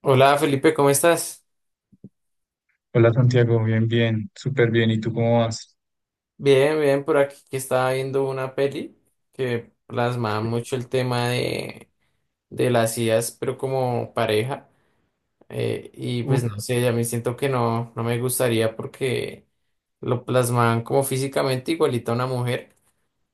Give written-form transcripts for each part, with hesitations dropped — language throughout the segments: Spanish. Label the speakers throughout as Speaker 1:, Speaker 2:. Speaker 1: Hola Felipe, ¿cómo estás?
Speaker 2: Hola Santiago, bien, bien, súper bien. ¿Y tú cómo vas?
Speaker 1: Bien, bien, por aquí que estaba viendo una peli que plasmaba
Speaker 2: Sí.
Speaker 1: mucho el tema de las ideas, pero como pareja. Y pues
Speaker 2: Uf,
Speaker 1: no sé, a mí siento que no, no me gustaría porque lo plasmaban como físicamente igualita a una mujer,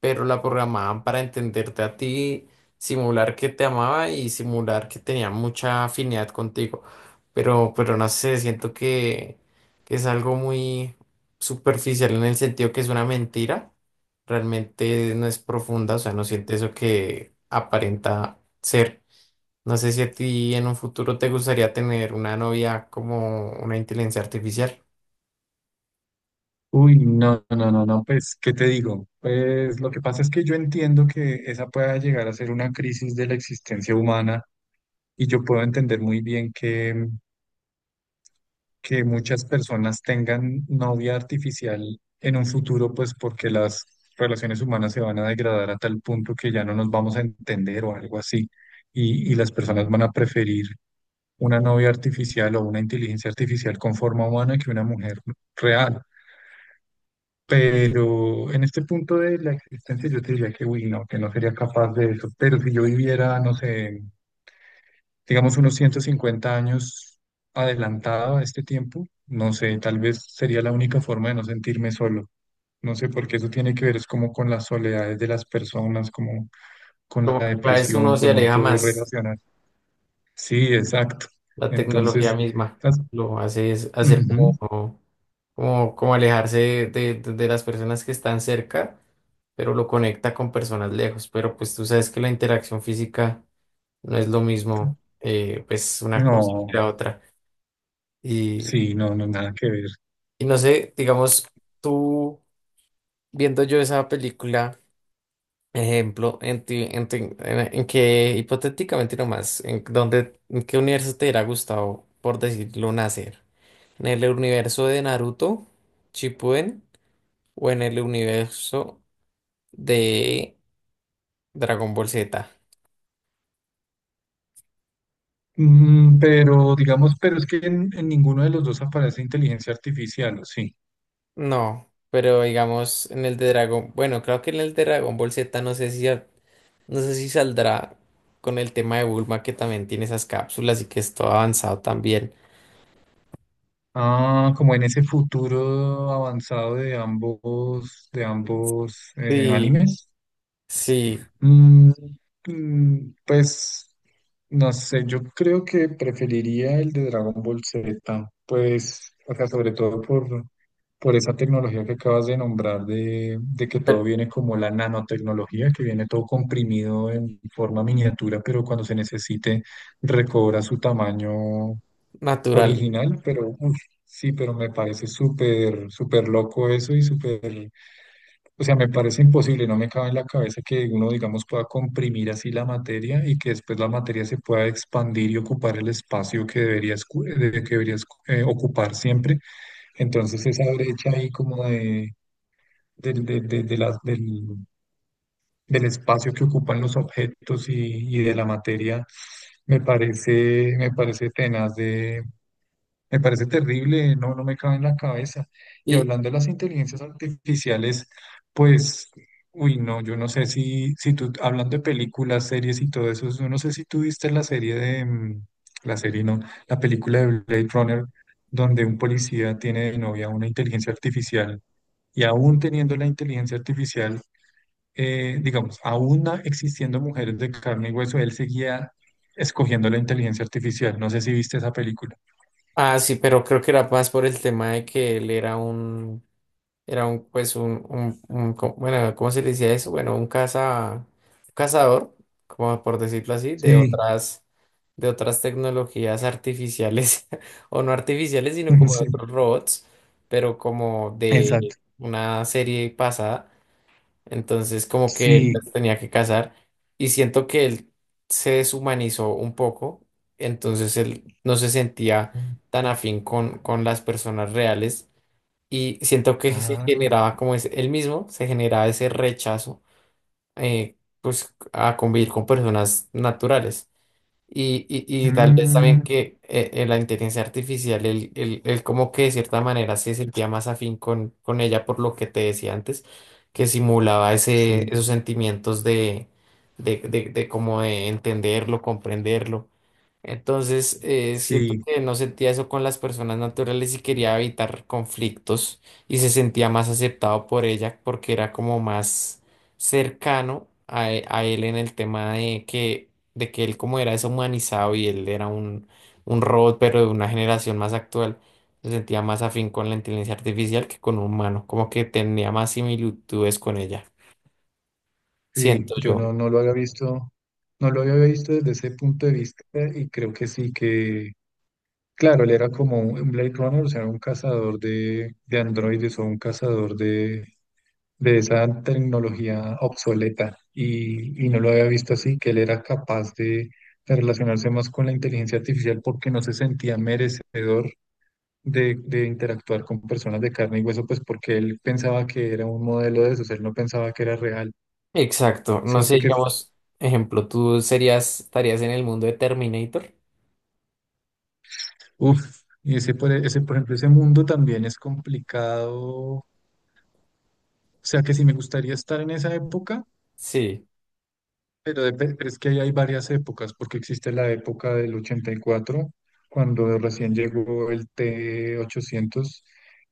Speaker 1: pero la programaban para entenderte a ti, simular que te amaba y simular que tenía mucha afinidad contigo. Pero no sé, siento que es algo muy superficial en el sentido que es una mentira. Realmente no es profunda, o sea, no siente eso que aparenta ser. No sé si a ti en un futuro te gustaría tener una novia como una inteligencia artificial.
Speaker 2: uy, no, no, no, no, pues, ¿qué te digo? Pues lo que pasa es que yo entiendo que esa pueda llegar a ser una crisis de la existencia humana y yo puedo entender muy bien que muchas personas tengan novia artificial en un futuro, pues porque las relaciones humanas se van a degradar a tal punto que ya no nos vamos a entender o algo así. Y las personas van a preferir una novia artificial o una inteligencia artificial con forma humana que una mujer real. Pero en este punto de la existencia yo te diría que, uy, no, que no sería capaz de eso. Pero si yo viviera, no sé, digamos unos 150 años adelantado a este tiempo, no sé, tal vez sería la única forma de no sentirme solo. No sé, porque eso tiene que ver es como con las soledades de las personas, como con la
Speaker 1: Como que cada vez
Speaker 2: depresión,
Speaker 1: uno se
Speaker 2: con no
Speaker 1: aleja
Speaker 2: poder
Speaker 1: más.
Speaker 2: relacionar. Sí, exacto.
Speaker 1: La tecnología
Speaker 2: Entonces,
Speaker 1: misma
Speaker 2: las-
Speaker 1: lo hace, es hacer
Speaker 2: ujú.
Speaker 1: como, como alejarse de las personas que están cerca, pero lo conecta con personas lejos. Pero pues tú sabes que la interacción física no es lo mismo, pues una cosa
Speaker 2: No,
Speaker 1: que la otra. Y,
Speaker 2: sí, no, no, nada que ver.
Speaker 1: y no sé, digamos, tú viendo yo esa película, ejemplo, en que hipotéticamente nomás, en dónde, en qué universo te hubiera gustado, por decirlo, nacer. ¿En el universo de Naruto, Shippuden, o en el universo de Dragon Ball Z?
Speaker 2: Pero digamos, pero es que en ninguno de los dos aparece inteligencia artificial, ¿o sí?
Speaker 1: No, pero digamos en el de Dragon, bueno, creo que en el de Dragon Ball Z no sé si saldrá con el tema de Bulma, que también tiene esas cápsulas y que es todo avanzado también.
Speaker 2: Ah, como en ese futuro avanzado de ambos,
Speaker 1: Sí,
Speaker 2: animes.
Speaker 1: sí,
Speaker 2: Mm, pues no sé, yo creo que preferiría el de Dragon Ball Z, pues, o sea, sobre todo por esa tecnología que acabas de nombrar, de que todo
Speaker 1: pero
Speaker 2: viene como la nanotecnología, que viene todo comprimido en forma miniatura, pero cuando se necesite recobra su tamaño
Speaker 1: natural.
Speaker 2: original, pero uf, sí, pero me parece súper, súper loco eso y súper o sea, me parece imposible, no me cabe en la cabeza que uno, digamos, pueda comprimir así la materia y que después la materia se pueda expandir y ocupar el espacio que debería ocupar siempre. Entonces, esa brecha ahí como de, del de la- del, del espacio que ocupan los objetos y de la materia, me parece tenaz, me parece terrible, no, no me cabe en la cabeza. Y
Speaker 1: Y
Speaker 2: hablando de las inteligencias artificiales, pues, uy, no, yo no sé si tú, hablando de películas, series y todo eso, yo no sé si tú viste la serie de, la serie no, la película de Blade Runner, donde un policía tiene de novia una inteligencia artificial y aún teniendo la inteligencia artificial, digamos, aún existiendo mujeres de carne y hueso, él seguía escogiendo la inteligencia artificial. No sé si viste esa película.
Speaker 1: ah, sí, pero creo que era más por el tema de que él era un era un, pues, bueno, ¿cómo se le decía eso? Bueno, un caza, cazador, como por decirlo así,
Speaker 2: Sí,
Speaker 1: de otras tecnologías artificiales, o no artificiales, sino como de
Speaker 2: sí.
Speaker 1: otros robots, pero como de
Speaker 2: Exacto.
Speaker 1: una serie pasada. Entonces, como que él
Speaker 2: Sí.
Speaker 1: las tenía que cazar. Y siento que él se deshumanizó un poco. Entonces, él no se sentía tan afín con las personas reales, y siento que se
Speaker 2: Ah,
Speaker 1: generaba como es el mismo, se generaba ese rechazo eh, pues a convivir con personas naturales. Y tal vez
Speaker 2: mm,
Speaker 1: también que la inteligencia artificial, él como que de cierta manera se sentía más afín con ella por lo que te decía antes, que simulaba ese,
Speaker 2: sí,
Speaker 1: esos sentimientos de, de como de entenderlo, comprenderlo. Entonces, siento
Speaker 2: sí,
Speaker 1: que no sentía eso con las personas naturales y quería evitar conflictos, y se sentía más aceptado por ella porque era como más cercano a, a él en el tema de que él como era deshumanizado y él era un robot pero de una generación más actual, se sentía más afín con la inteligencia artificial que con un humano, como que tenía más similitudes con ella,
Speaker 2: sí.
Speaker 1: siento
Speaker 2: Yo
Speaker 1: yo.
Speaker 2: no lo había visto, no lo había visto desde ese punto de vista y creo que sí que, claro, él era como un Blade Runner, o sea, un cazador de androides o un cazador de esa tecnología obsoleta y no lo había visto así, que él era capaz de relacionarse más con la inteligencia artificial porque no se sentía merecedor de interactuar con personas de carne y hueso, pues porque él pensaba que era un modelo de esos, él no pensaba que era real,
Speaker 1: Exacto. No sé,
Speaker 2: ¿cierto? Que,
Speaker 1: digamos, ejemplo, tú serías, estarías en el mundo de Terminator.
Speaker 2: uff, y ese, por ejemplo, ese mundo también es complicado, o sea que si me gustaría estar en esa época.
Speaker 1: Sí.
Speaker 2: Pero es que ahí hay varias épocas, porque existe la época del 84, cuando recién llegó el T-800,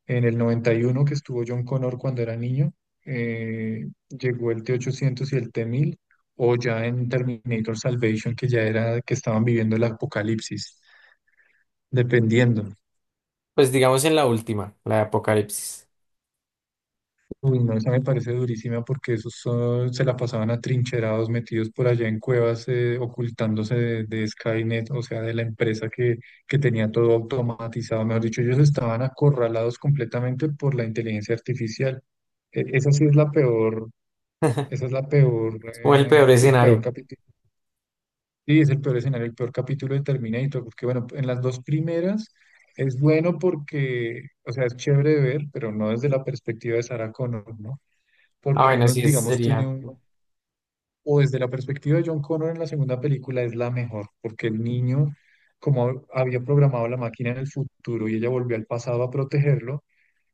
Speaker 2: en el 91, que estuvo John Connor cuando era niño, llegó el T-800 y el T-1000, o ya en Terminator Salvation, que ya era que estaban viviendo el apocalipsis, dependiendo.
Speaker 1: Pues digamos en la última, la de Apocalipsis.
Speaker 2: Uy, no, esa me parece durísima porque se la pasaban atrincherados, metidos por allá en cuevas, ocultándose de Skynet, o sea, de la empresa que tenía todo automatizado. Mejor dicho, ellos estaban acorralados completamente por la inteligencia artificial. Esa sí es la peor, esa es la peor,
Speaker 1: O el peor
Speaker 2: el peor
Speaker 1: escenario.
Speaker 2: capítulo. Sí, es el peor escenario, el peor capítulo de Terminator, porque bueno, en las dos primeras es bueno porque, o sea, es chévere de ver, pero no desde la perspectiva de Sarah Connor, ¿no?
Speaker 1: Ah,
Speaker 2: Porque
Speaker 1: bueno,
Speaker 2: uno,
Speaker 1: sí, ese
Speaker 2: digamos, tiene
Speaker 1: sería.
Speaker 2: un, o desde la perspectiva de John Connor en la segunda película es la mejor, porque el niño, como había programado la máquina en el futuro y ella volvió al pasado a protegerlo,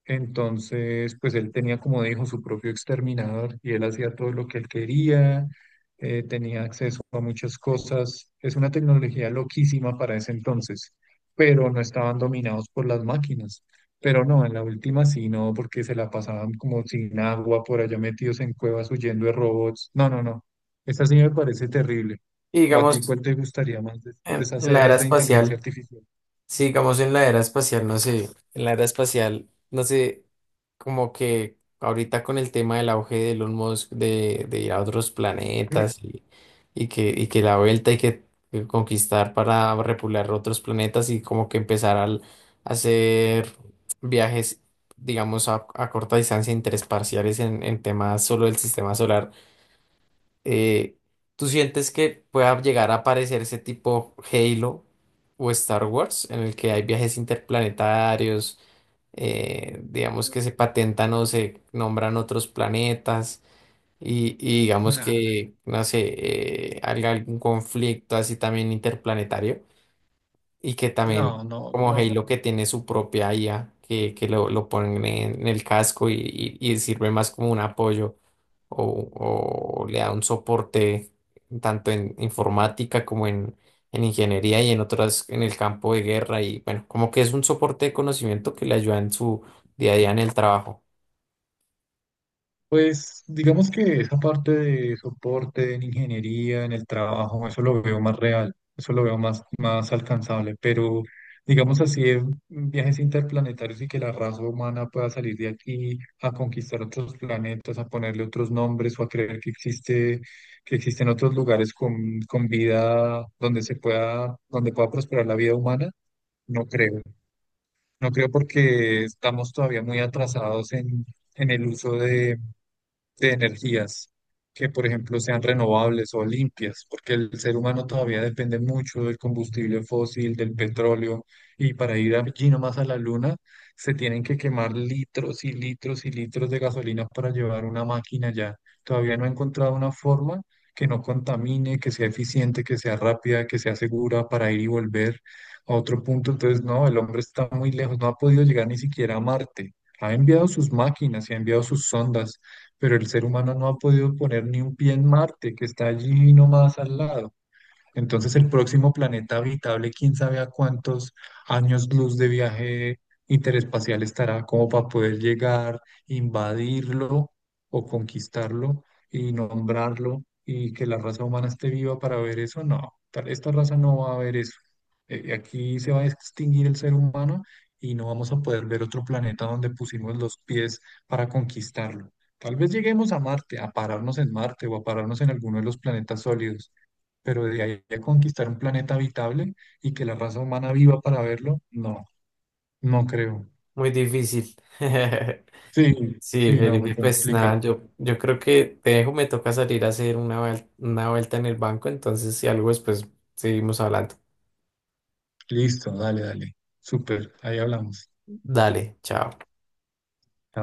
Speaker 2: entonces, pues él tenía, como dijo, su propio exterminador y él hacía todo lo que él quería, tenía acceso a muchas cosas. Es una tecnología loquísima para ese entonces, pero no estaban dominados por las máquinas. Pero no, en la última sí, no, porque se la pasaban como sin agua, por allá metidos en cuevas huyendo de robots. No, no, no. Esta sí me parece terrible.
Speaker 1: Y
Speaker 2: ¿O a ti
Speaker 1: digamos,
Speaker 2: cuál te gustaría más de esas
Speaker 1: en la era
Speaker 2: eras de inteligencia
Speaker 1: espacial.
Speaker 2: artificial?
Speaker 1: Sí, digamos en la era espacial, no sé, en la era espacial, no sé, como que ahorita con el tema del auge de Elon Musk de ir a otros
Speaker 2: Mm,
Speaker 1: planetas y que la vuelta y que conquistar para repular otros planetas, y como que empezar a hacer viajes, digamos, a corta distancia interespaciales en temas solo del sistema solar. eh, ¿Tú sientes que pueda llegar a aparecer ese tipo Halo o Star Wars en el que hay viajes interplanetarios, digamos que se patentan o se nombran otros planetas, y digamos
Speaker 2: nah,
Speaker 1: que, no sé, hay algún conflicto así también interplanetario? Y que también,
Speaker 2: no, no,
Speaker 1: como
Speaker 2: no.
Speaker 1: Halo, que tiene su propia IA, que lo ponen en el casco, y sirve más como un apoyo o, o le da un soporte tanto en informática como en ingeniería y en otras, en el campo de guerra. Y bueno, como que es un soporte de conocimiento que le ayuda en su día a día en el trabajo.
Speaker 2: Pues digamos que esa parte de soporte en ingeniería, en el trabajo, eso lo veo más real, eso lo veo más, más alcanzable, pero digamos así, en viajes interplanetarios y que la raza humana pueda salir de aquí a conquistar otros planetas, a ponerle otros nombres o a creer que existe, que existen otros lugares con vida donde se pueda, donde pueda prosperar la vida humana, no creo. No creo porque estamos todavía muy atrasados en el uso de energías que, por ejemplo, sean renovables o limpias, porque el ser humano todavía depende mucho del combustible fósil, del petróleo, y para ir allí nomás a la luna se tienen que quemar litros y litros y litros de gasolina para llevar una máquina allá. Todavía no he encontrado una forma que no contamine, que sea eficiente, que sea rápida, que sea segura para ir y volver a otro punto. Entonces, no, el hombre está muy lejos, no ha podido llegar ni siquiera a Marte. Ha enviado sus máquinas y ha enviado sus sondas, pero el ser humano no ha podido poner ni un pie en Marte, que está allí nomás al lado. Entonces el próximo planeta habitable, quién sabe a cuántos años luz de viaje interespacial estará como para poder llegar, invadirlo o conquistarlo y nombrarlo y que la raza humana esté viva para ver eso. No, esta raza no va a ver eso. Aquí se va a extinguir el ser humano y no vamos a poder ver otro planeta donde pusimos los pies para conquistarlo. Tal vez lleguemos a Marte, a pararnos en Marte o a pararnos en alguno de los planetas sólidos pero de ahí a conquistar un planeta habitable y que la raza humana viva para verlo, no, no creo.
Speaker 1: Muy difícil.
Speaker 2: Sí,
Speaker 1: Sí,
Speaker 2: sí, no, muy
Speaker 1: Felipe, pues
Speaker 2: complicado.
Speaker 1: nada, yo creo que te dejo, me toca salir a hacer una, una vuelta en el banco, entonces si algo después seguimos hablando.
Speaker 2: Listo, dale, dale. Súper, ahí hablamos.
Speaker 1: Dale, chao.
Speaker 2: Chao.